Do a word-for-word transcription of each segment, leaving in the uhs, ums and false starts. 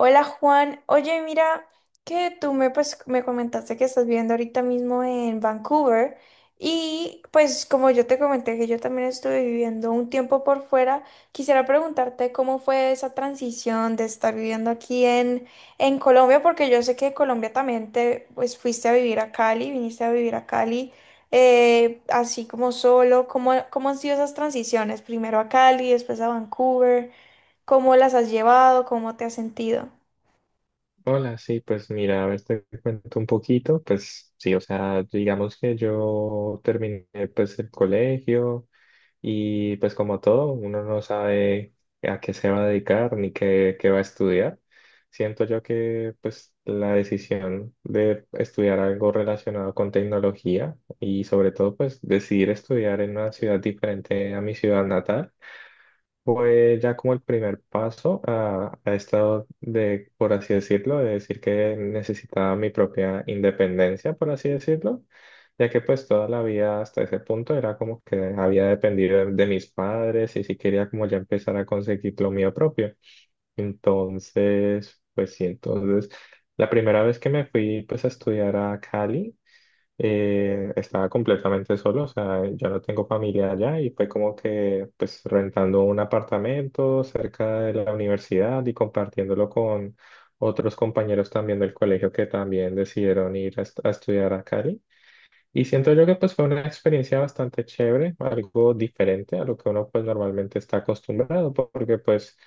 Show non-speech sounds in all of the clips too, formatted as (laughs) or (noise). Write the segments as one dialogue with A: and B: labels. A: Hola Juan, oye, mira que tú me, pues, me comentaste que estás viviendo ahorita mismo en Vancouver, y pues como yo te comenté que yo también estuve viviendo un tiempo por fuera, quisiera preguntarte cómo fue esa transición de estar viviendo aquí en, en Colombia, porque yo sé que de Colombia también te pues fuiste a vivir a Cali, viniste a vivir a Cali, eh, así como solo. ¿Cómo, cómo han sido esas transiciones? Primero a Cali, después a Vancouver. ¿Cómo las has llevado? ¿Cómo te has sentido?
B: Hola, sí, pues mira, a ver, te cuento un poquito, pues sí, o sea, digamos que yo terminé pues el colegio y pues como todo, uno no sabe a qué se va a dedicar ni qué, qué va a estudiar. Siento yo que pues la decisión de estudiar algo relacionado con tecnología y sobre todo pues decidir estudiar en una ciudad diferente a mi ciudad natal fue ya como el primer paso a, a esto de, por así decirlo, de decir que necesitaba mi propia independencia, por así decirlo, ya que pues toda la vida hasta ese punto era como que había dependido de, de mis padres y si quería como ya empezar a conseguir lo mío propio. Entonces, pues sí, entonces la primera vez que me fui pues a estudiar a Cali, eh, estaba completamente solo, o sea, yo no tengo familia allá y fue como que pues rentando un apartamento cerca de la universidad y compartiéndolo con otros compañeros también del colegio que también decidieron ir a, est- a estudiar a Cali. Y siento yo que pues fue una experiencia bastante chévere, algo diferente a lo que uno pues normalmente está acostumbrado, porque pues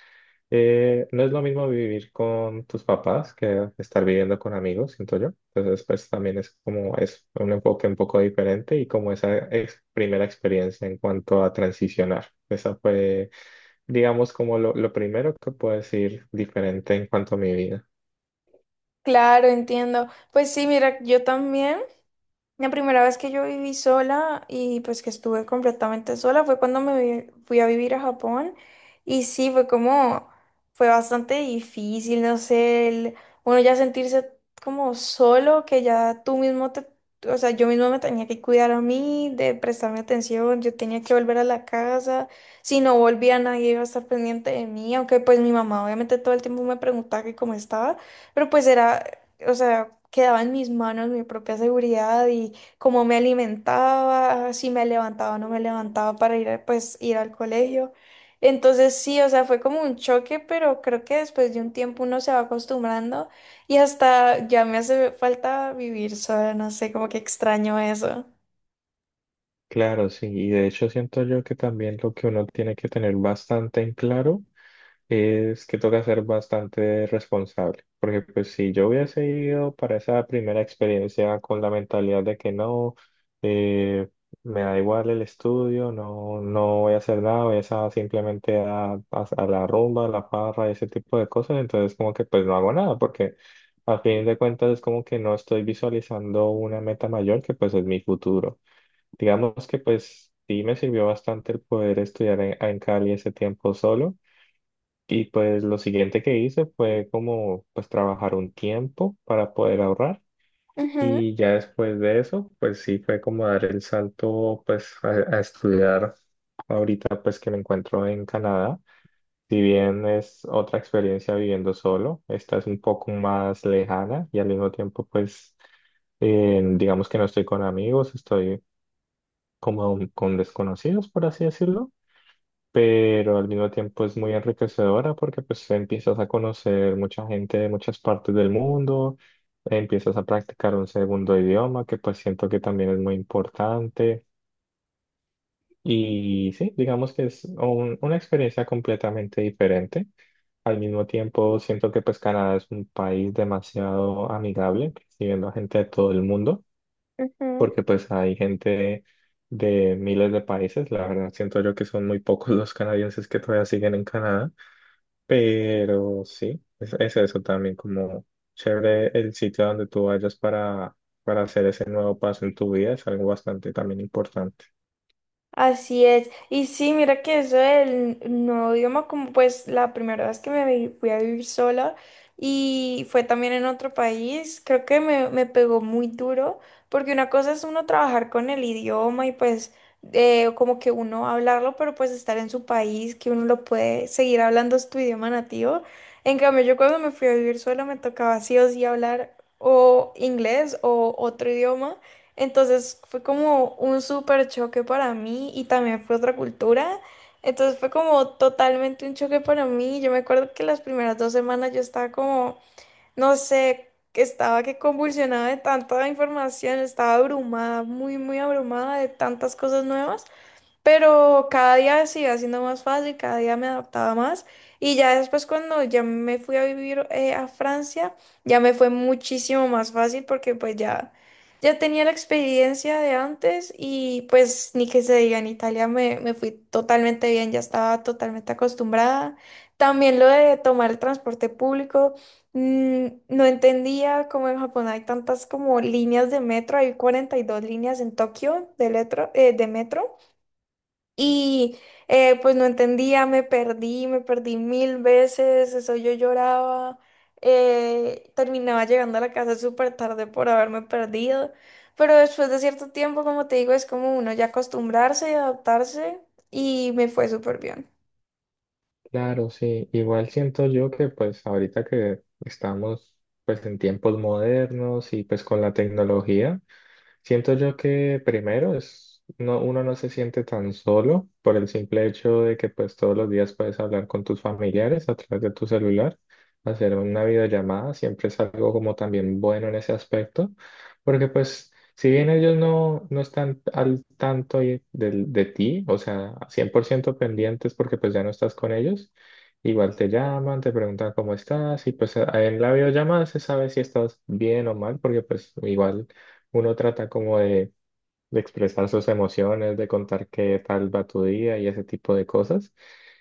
B: eh, no es lo mismo vivir con tus papás que estar viviendo con amigos, siento yo. Entonces pues también es como es un enfoque un poco diferente y como esa ex- primera experiencia en cuanto a transicionar. Esa fue, digamos, como lo, lo primero que puedo decir diferente en cuanto a mi vida.
A: Claro, entiendo. Pues sí, mira, yo también, la primera vez que yo viví sola y pues que estuve completamente sola fue cuando me vi- fui a vivir a Japón, y sí, fue como, fue bastante difícil, no sé, el- uno ya sentirse como solo, que ya tú mismo te, o sea, yo mismo me tenía que cuidar a mí, de prestarme atención, yo tenía que volver a la casa, si no volvía nadie iba a estar pendiente de mí, aunque pues mi mamá obviamente todo el tiempo me preguntaba que cómo estaba. Pero pues era, o sea, quedaba en mis manos mi propia seguridad y cómo me alimentaba, si me levantaba o no me levantaba para ir, a- pues, ir al colegio. Entonces sí, o sea, fue como un choque, pero creo que después de un tiempo uno se va acostumbrando y hasta ya me hace falta vivir sola, no sé, como que extraño eso.
B: Claro, sí, y de hecho siento yo que también lo que uno tiene que tener bastante en claro es que toca ser bastante responsable, porque pues si yo hubiese ido para esa primera experiencia con la mentalidad de que no, eh, me da igual el estudio, no, no voy a hacer nada, voy a esa- simplemente a, a- a la rumba, a la parra, ese tipo de cosas, entonces como que pues no hago nada, porque al fin de cuentas es como que no estoy visualizando una meta mayor que pues es mi futuro. Digamos que pues sí me sirvió bastante el poder estudiar en en Cali ese tiempo solo y pues lo siguiente que hice fue como pues trabajar un tiempo para poder ahorrar
A: Ujú,
B: y ya después de eso pues sí fue como dar el salto pues a, a estudiar ahorita pues que me encuentro en Canadá. Si bien es otra experiencia viviendo solo, esta es un poco más lejana y al mismo tiempo pues eh, digamos que no estoy con amigos, estoy como con desconocidos por así decirlo, pero al mismo tiempo es muy enriquecedora porque pues empiezas a conocer mucha gente de muchas partes del mundo, empiezas a practicar un segundo idioma que pues siento que también es muy importante y sí, digamos que es un- una experiencia completamente diferente. Al mismo tiempo siento que pues Canadá es un país demasiado amigable, recibiendo a gente de todo el mundo,
A: ujú.
B: porque pues hay gente de miles de países, la verdad siento yo que son muy pocos los canadienses que todavía siguen en Canadá. Pero sí, es, es eso también como chévere el sitio a donde tú vayas para, para hacer ese nuevo paso en tu vida, es algo bastante también importante.
A: Así es. Y sí, mira que eso del nuevo idioma, como pues la primera vez que me vi- fui a vivir sola y fue también en otro país, creo que me, me pegó muy duro, porque una cosa es uno trabajar con el idioma y pues eh, como que uno hablarlo, pero pues estar en su país, que uno lo puede seguir hablando es tu idioma nativo. En cambio, yo cuando me fui a vivir sola me tocaba sí o sí hablar o inglés o otro idioma. Entonces fue como un súper choque para mí y también fue otra cultura. Entonces fue como totalmente un choque para mí. Yo me acuerdo que las primeras dos semanas yo estaba como, no sé, que estaba que convulsionaba de tanta información, estaba abrumada, muy, muy abrumada de tantas cosas nuevas. Pero cada día se iba haciendo más fácil, cada día me adaptaba más. Y ya después cuando ya me fui a vivir eh, a Francia, ya me fue muchísimo más fácil porque pues ya, ya tenía la experiencia de antes, y pues ni que se diga, en Italia me, me fui totalmente bien, ya estaba totalmente acostumbrada. También lo de tomar el transporte público. Mm, no entendía cómo en Japón hay tantas como líneas de metro, hay cuarenta y dos líneas en Tokio de, letro- eh, de metro. Y eh, pues no entendía, me perdí, me perdí mil veces, eso yo lloraba, eh, terminaba llegando a la casa súper tarde por haberme perdido, pero después de cierto tiempo, como te digo, es como uno ya acostumbrarse y adaptarse, y me fue súper bien.
B: Claro, sí, igual siento yo que pues ahorita que estamos pues en tiempos modernos y pues con la tecnología. Siento yo que primero es, no, uno no se siente tan solo por el simple hecho de que pues todos los días puedes hablar con tus familiares a través de tu celular, hacer una videollamada, siempre es algo como también bueno en ese aspecto, porque pues si bien ellos no, no están al tanto y- del- de, ti, o sea, cien por ciento pendientes porque pues ya no estás con ellos, igual te llaman, te preguntan cómo estás y pues a- en la videollamada se sabe si estás bien o mal porque pues igual uno trata como de de expresar sus emociones, de contar qué tal va tu día y ese tipo de cosas.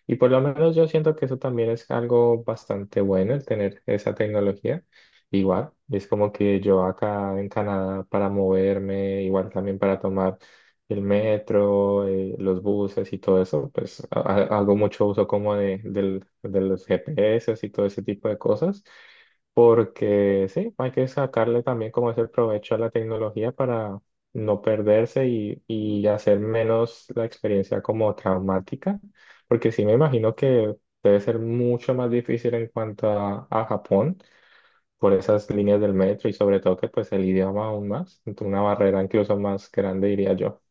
B: Y por lo menos yo siento que eso también es algo bastante bueno, el tener esa tecnología. Igual, es como que yo acá en Canadá para moverme, igual también para tomar el metro, eh, los buses y todo eso, pues ha- ha- hago mucho uso como de, del- de los G P S y todo ese tipo de cosas. Porque sí, hay que sacarle también como ese provecho a la tecnología, no perderse y, y hacer menos la experiencia como traumática, porque sí me imagino que debe ser mucho más difícil en cuanto a, a Japón por esas líneas del metro y sobre todo que pues el idioma aún más, una barrera incluso más grande diría yo.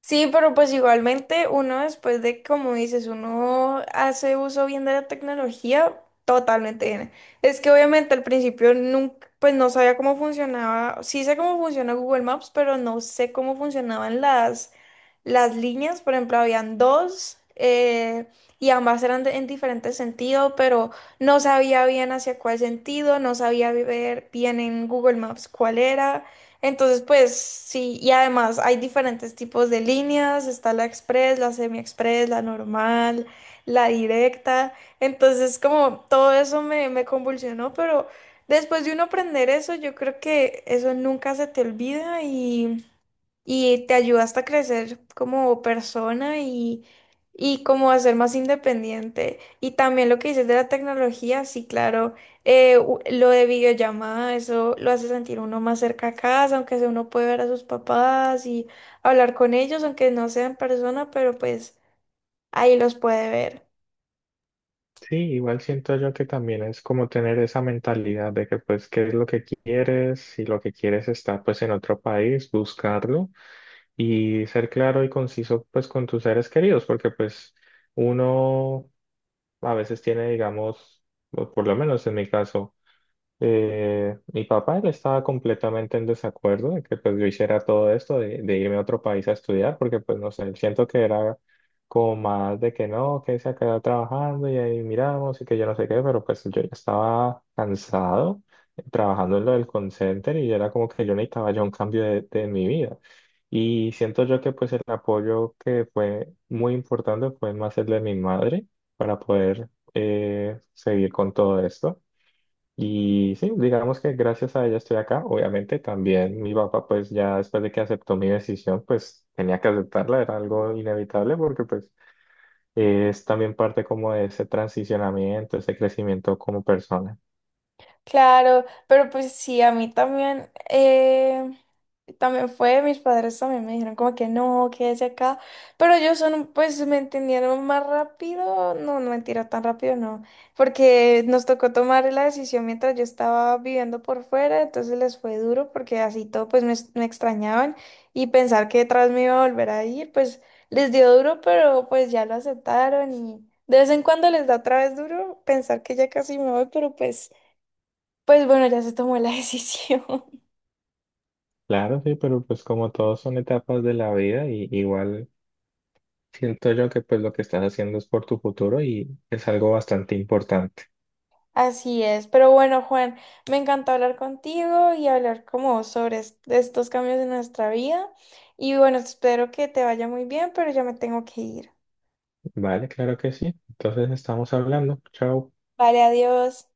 A: Sí, pero pues igualmente uno después de, como dices, uno hace uso bien de la tecnología, totalmente bien. Es que obviamente al principio nunca, pues no sabía cómo funcionaba, sí sé cómo funciona Google Maps, pero no sé cómo funcionaban las, las líneas, por ejemplo, habían dos eh, y ambas eran de- en diferentes sentidos, pero no sabía bien hacia cuál sentido, no sabía ver bien en Google Maps cuál era. Entonces, pues sí, y además hay diferentes tipos de líneas, está la express, la semi-express, la normal, la directa. Entonces, como todo eso me, me convulsionó, pero después de uno aprender eso, yo creo que eso nunca se te olvida y te ayuda hasta a crecer como persona, y, y como a ser más independiente. Y también lo que dices de la tecnología, sí, claro, eh, u- lo de videollamada, eso lo hace sentir uno más cerca a casa, aunque sea uno puede ver a sus papás y hablar con ellos, aunque no sea en persona, pero pues ahí los puede ver.
B: Sí, igual siento yo que también es como tener esa mentalidad de que pues qué es lo que quieres, si lo que quieres está pues en otro país, buscarlo y ser claro y conciso pues con tus seres queridos, porque pues uno a veces tiene, digamos, o por lo menos en mi caso. Eh, mi papá él estaba completamente en desacuerdo de que pues yo hiciera todo esto de, de irme a otro país a estudiar porque pues no sé, siento que era como más de que no, que se quedado trabajando y ahí miramos y que yo no sé qué, pero pues yo ya estaba cansado trabajando en lo del call center y era como que yo necesitaba ya un cambio de, de mi vida. Y siento yo que pues el apoyo que fue muy importante fue más el de mi madre para poder eh, seguir con todo esto. Y sí, digamos que gracias a ella estoy acá. Obviamente también mi papá, pues ya después de que aceptó mi decisión, pues tenía que aceptarla, era algo inevitable porque pues es también parte como de ese transicionamiento, ese crecimiento como persona.
A: Claro, pero pues sí, a mí también, eh, también fue, mis padres también me dijeron como que no, quédese acá, pero ellos son, pues me entendieron más rápido. No, no mentira, tan rápido no, porque nos tocó tomar la decisión mientras yo estaba viviendo por fuera, entonces les fue duro porque así todo, pues me, me extrañaban, y pensar que detrás me iba a volver a ir, pues les dio duro, pero pues ya lo aceptaron, y de vez en cuando les da otra vez duro pensar que ya casi me voy, pero pues... Pues bueno, ya se tomó la decisión.
B: Claro, sí, pero pues como todos son etapas de la vida, y igual siento yo que pues lo que estás haciendo es por tu futuro y es algo bastante importante.
A: (laughs) Así es. Pero bueno, Juan, me encantó hablar contigo y hablar como sobre es- estos cambios en nuestra vida. Y bueno, espero que te vaya muy bien, pero ya me tengo que ir.
B: Vale, claro que sí. Entonces estamos hablando. Chao.
A: Vale, adiós.